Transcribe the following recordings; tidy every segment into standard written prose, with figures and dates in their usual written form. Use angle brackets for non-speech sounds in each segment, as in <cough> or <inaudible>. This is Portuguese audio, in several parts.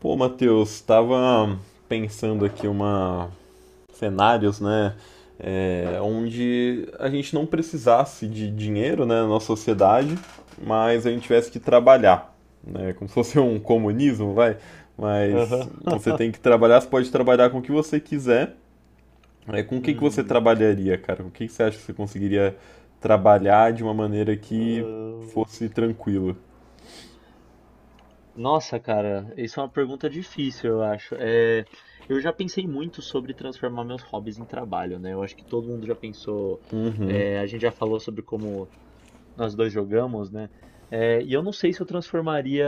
Pô, Matheus, tava pensando aqui uma cenários, né, onde a gente não precisasse de dinheiro, né, na nossa sociedade, mas a gente tivesse que trabalhar, né, como se fosse um comunismo, vai, mas Aham. você tem que <laughs> trabalhar, você pode trabalhar com o que você quiser, né, com o que que você Hum. trabalharia, cara? Com o que que você acha que você conseguiria trabalhar de uma maneira que Ahn, fosse tranquila? Nossa, cara, isso é uma pergunta difícil, eu acho. Eu já pensei muito sobre transformar meus hobbies em trabalho, né? Eu acho que todo mundo já pensou. A gente já falou sobre como nós dois jogamos, né? E eu não sei se eu transformaria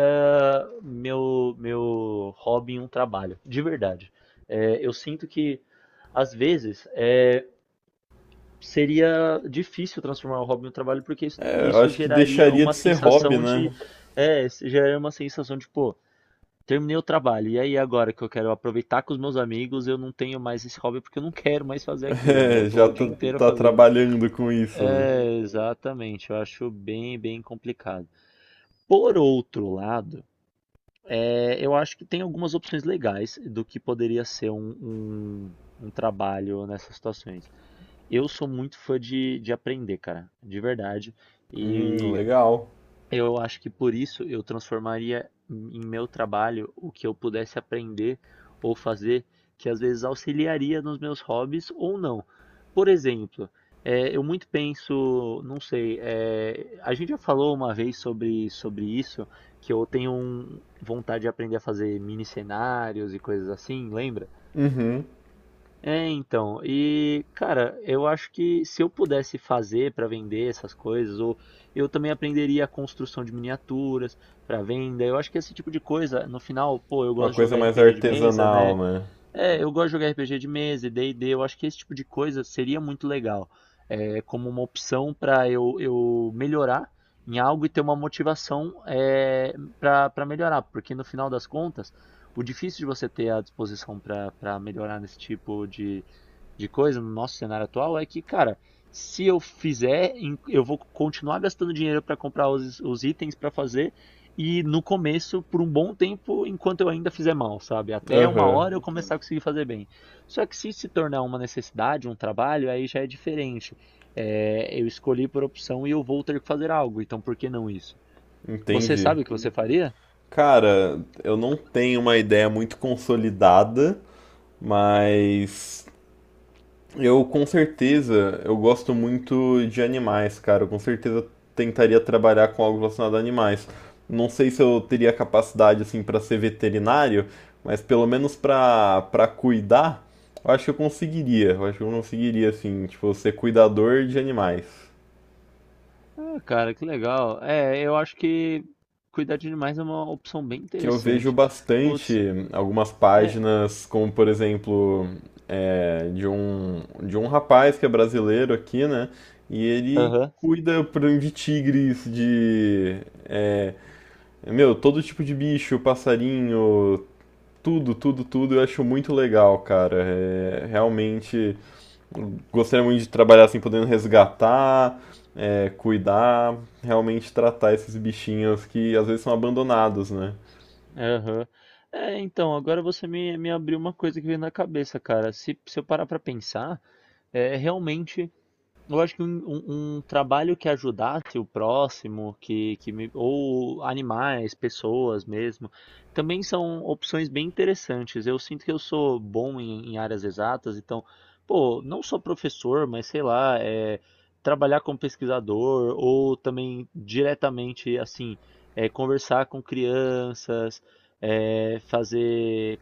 meu hobby em um trabalho, de verdade. Eu sinto que, às vezes, seria difícil transformar o hobby no trabalho porque isso, É, eu isso acho que geraria deixaria de uma ser hobby, sensação né? de isso geraria uma sensação de pô, terminei o trabalho e aí agora que eu quero aproveitar com os meus amigos, eu não tenho mais esse hobby porque eu não <laughs> quero mais <laughs> fazer aquilo, né? Eu É, tô já o dia tá, inteiro tá fazendo. trabalhando com isso, né? É, exatamente, eu acho bem complicado. Por outro lado, eu acho que tem algumas opções legais do que poderia ser um trabalho nessas situações. Eu sou muito fã de aprender, cara, de verdade. E Legal. eu acho que por isso eu transformaria em meu trabalho o que eu pudesse aprender ou fazer, que às vezes auxiliaria nos meus hobbies ou não. Por exemplo, eu muito penso, não sei, a gente já falou uma vez sobre isso, que eu tenho vontade de aprender a fazer mini cenários e coisas assim, lembra? Uhum. É, então, e cara, eu acho que se eu pudesse fazer para vender essas coisas, ou eu também aprenderia a construção de miniaturas para venda. Eu acho que esse tipo de coisa, no final, pô, eu Uma gosto de coisa jogar mais RPG de mesa, artesanal, né? né? É, eu gosto de jogar RPG de mesa e D&D. Eu acho que esse tipo de coisa seria muito legal, como uma opção para eu melhorar em algo e ter uma motivação para melhorar, porque no final das contas, o difícil de você ter a disposição para melhorar nesse tipo de coisa no nosso cenário atual é que, cara, se eu fizer, eu vou continuar gastando dinheiro para comprar os itens para fazer e no começo por um bom tempo, enquanto eu ainda fizer mal, sabe? Até uma Aham, hora eu começar a conseguir fazer bem. Só que se tornar uma necessidade, um trabalho, aí já é diferente. É, eu escolhi por opção e eu vou ter que fazer algo, então por que não isso? Você entendi. sabe o que você faria? Cara, eu não tenho uma ideia muito consolidada, mas eu, com certeza, eu gosto muito de animais, cara. Eu com certeza tentaria trabalhar com algo relacionado a animais. Não sei se eu teria capacidade assim para ser veterinário, mas pelo menos para cuidar, eu acho que eu conseguiria. Eu acho que eu conseguiria assim, tipo, ser cuidador de animais. Ah, cara, que legal. É, eu acho que cuidar de animais é uma opção bem Que eu vejo interessante. Putz. bastante algumas É. páginas, como por exemplo, de um rapaz que é brasileiro aqui, né? E ele Aham, cuida, por exemplo, de tigres, de. é, meu, todo tipo de bicho, passarinho, tudo, tudo, tudo. Eu acho muito legal, cara. É, realmente gostaria muito de trabalhar assim, podendo resgatar, cuidar, realmente tratar esses bichinhos que às vezes são abandonados, né? aham. É, então, agora você me abriu uma coisa que veio na cabeça, cara. Se eu parar pra pensar, é realmente. Eu acho que um trabalho que ajudasse o próximo, ou animais, pessoas mesmo, também são opções bem interessantes. Eu sinto que eu sou bom em áreas exatas, então, pô, não só professor, mas sei lá, trabalhar como pesquisador ou também diretamente, assim, conversar com crianças, fazer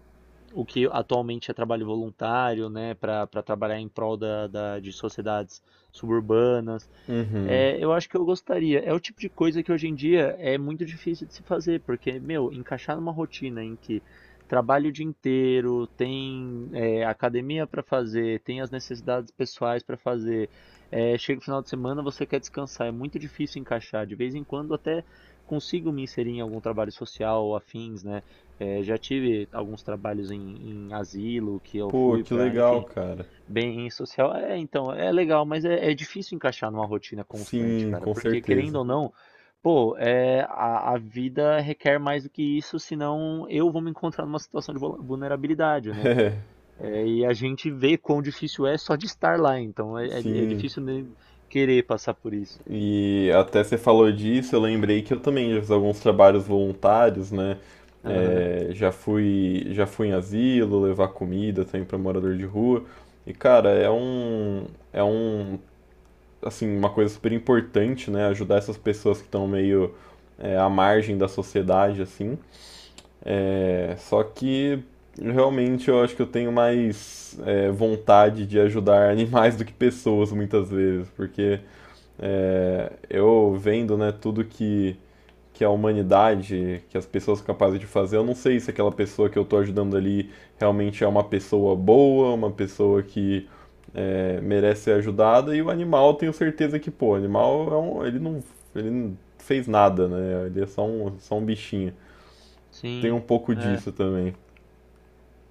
o que atualmente é trabalho voluntário, né, para trabalhar em prol de sociedades suburbanas. Uhum. É, eu acho que eu gostaria. É o tipo de coisa que hoje em dia é muito difícil de se fazer, porque, meu, encaixar numa rotina em que trabalho o dia inteiro, tem academia para fazer, tem as necessidades pessoais para fazer, chega o final de semana, você quer descansar, é muito difícil encaixar. De vez em quando até consigo me inserir em algum trabalho social ou afins, né? É, já tive alguns trabalhos em asilo que eu Pô, fui que para, legal, enfim. cara. Bem social, é, então, é legal, mas é difícil encaixar numa rotina constante, Sim, cara, com porque querendo certeza. ou não, pô, a vida requer mais do que isso, senão eu vou me encontrar numa situação de vulnerabilidade, né? <laughs> É, e a gente vê quão difícil é só de estar lá, então É, é sim. difícil nem querer passar por isso. E até você falou disso, eu lembrei que eu também já fiz alguns trabalhos voluntários, né? Aham. É, já fui em asilo, levar comida também para morador de rua. E, cara, é um, assim, uma coisa super importante, né? Ajudar essas pessoas que estão meio, à margem da sociedade, assim. É só que realmente eu acho que eu tenho mais vontade de ajudar <laughs> animais do que pessoas muitas vezes, porque eu vendo, né, tudo que a humanidade, que as pessoas são capazes de fazer, eu não sei se aquela pessoa que eu estou ajudando ali realmente é uma pessoa boa, uma pessoa que merece ser ajudada, e o animal eu tenho certeza que, pô, o animal ele não fez nada, né? Ele é só um bichinho. Tem Sim, um pouco é. disso também.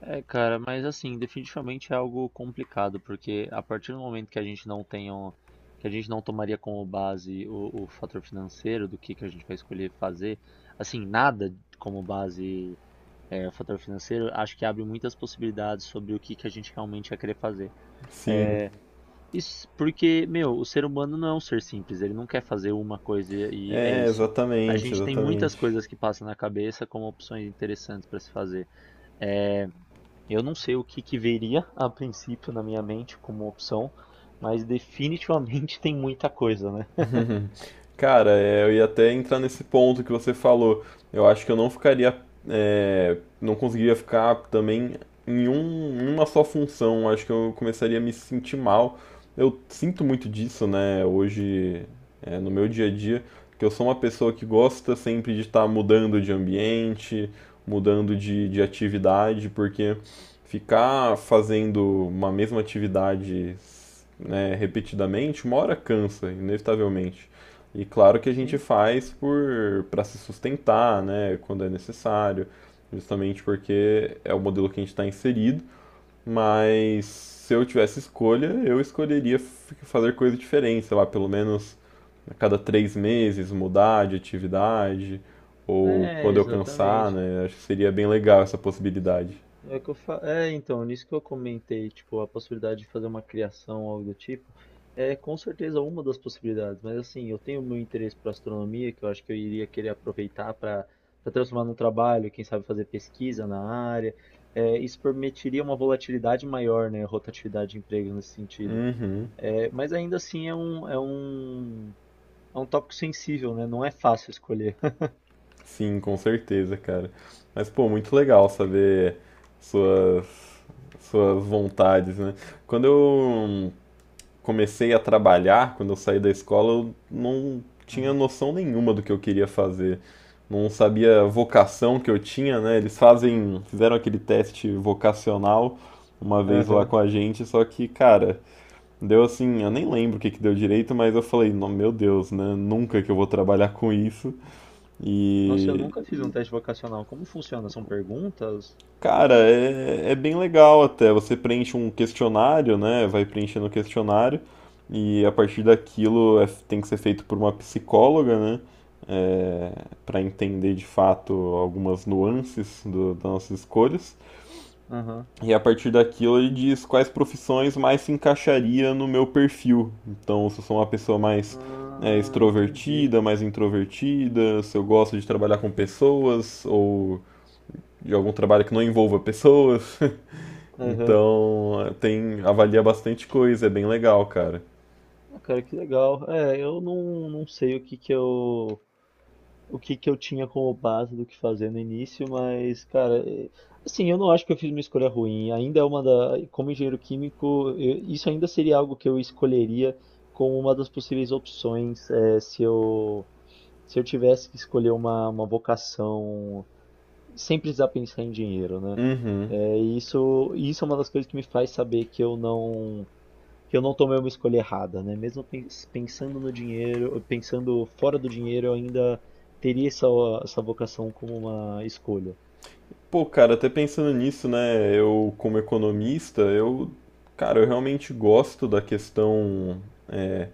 É, cara, mas assim, definitivamente é algo complicado, porque a partir do momento que a gente não tem um, que a gente não tomaria como base o fator financeiro do que a gente vai escolher fazer, assim, nada como base o fator financeiro, acho que abre muitas possibilidades sobre o que, que a gente realmente vai querer fazer. Sim. Isso porque, meu, o ser humano não é um ser simples, ele não quer fazer uma coisa e é É, isso. A exatamente, gente tem muitas exatamente. coisas que passam na cabeça como opções interessantes para se fazer. Eu não sei o que que viria a princípio na minha mente como opção, mas definitivamente <laughs> tem muita coisa, né? <laughs> Cara, eu ia até entrar nesse ponto que você falou. Eu acho que eu não ficaria, não conseguiria ficar também em uma só função. Eu acho que eu começaria a me sentir mal. Eu sinto muito disso, né? Hoje, no meu dia a dia, que eu sou uma pessoa que gosta sempre de estar mudando de ambiente, mudando de atividade, porque ficar fazendo uma mesma atividade, né, repetidamente, uma hora cansa, inevitavelmente. E claro que a gente Sim, faz por para se sustentar, né, quando é necessário, justamente porque é o modelo que a gente está inserido. Mas se eu tivesse escolha, eu escolheria fazer coisa diferente, sei lá, pelo menos a cada 3 meses mudar de atividade ou é, quando eu cansar, exatamente. né? Acho que seria bem legal essa possibilidade. É o que eu fa... é, então, nisso que eu comentei, tipo, a possibilidade de fazer uma criação, algo do tipo, é com certeza uma das possibilidades, mas assim, eu tenho meu interesse para astronomia, que eu acho que eu iria querer aproveitar para para transformar num trabalho, quem sabe fazer pesquisa na área. É, isso permitiria uma volatilidade maior, né, rotatividade de empregos nesse sentido. Uhum. É, mas ainda assim é um tópico sensível, né? Não é fácil escolher. Sim, com certeza, cara. Mas, pô, muito legal saber suas, suas vontades, né? Quando eu comecei a trabalhar, quando eu saí da escola, eu não tinha Aham. noção nenhuma do que eu queria fazer. Não sabia a vocação que eu tinha, né? Eles fizeram aquele teste vocacional uma vez lá Aham. com a gente, só que, cara, deu assim, eu nem lembro o que que deu direito, mas eu falei, "Não, meu Deus, né? Nunca que eu vou trabalhar com isso." Nossa, eu E, nunca fiz um teste vocacional. Como funciona? São perguntas? cara, é bem legal até. Você preenche um questionário, né? Vai preenchendo o questionário e a partir daquilo tem que ser feito por uma psicóloga, né? É, para entender de fato algumas nuances das nossas escolhas. Aham. E a partir daquilo ele diz quais profissões mais se encaixaria no meu perfil. Então, se eu sou uma pessoa mais Ah, entendi. extrovertida, mais introvertida, se eu gosto de trabalhar com pessoas ou de algum trabalho que não envolva pessoas. <laughs> Aham. Então, avalia bastante coisa, é bem legal, cara. Ah, cara, que legal. É, eu não sei o que que eu. O que que eu tinha como base do que fazer no início, mas, cara, é- assim, eu não acho que eu fiz uma escolha ruim. Ainda é uma da, como engenheiro químico, isso ainda seria algo que eu escolheria como uma das possíveis opções, se eu tivesse que escolher uma vocação sem precisar pensar em dinheiro, né? Uhum. É, e isso é uma das coisas que me faz saber que eu que eu não tomei uma escolha errada, né? Mesmo pensando no dinheiro, pensando fora do dinheiro, eu ainda teria essa vocação como uma escolha. Pô, cara, até pensando nisso, né? Eu, como economista, eu, cara, eu realmente gosto da questão é,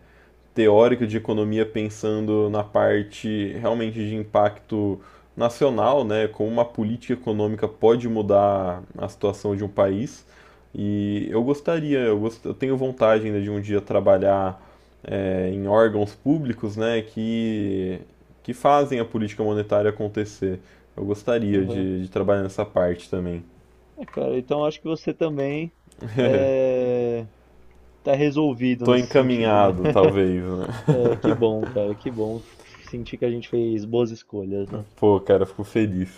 teórico de economia, pensando na parte realmente de impacto nacional, né, como uma política econômica pode mudar a situação de um país. E eu gostaria, eu tenho vontade ainda de um dia trabalhar em órgãos públicos, né, que fazem a política monetária acontecer. Eu gostaria Aham. de trabalhar nessa parte também. É, cara, então acho que você também é, tá resolvido Tô nesse sentido, né? encaminhado, talvez, né? <laughs> É, que bom, cara, que bom sentir que a gente fez boas escolhas, né? <laughs> Pô, cara, fico feliz.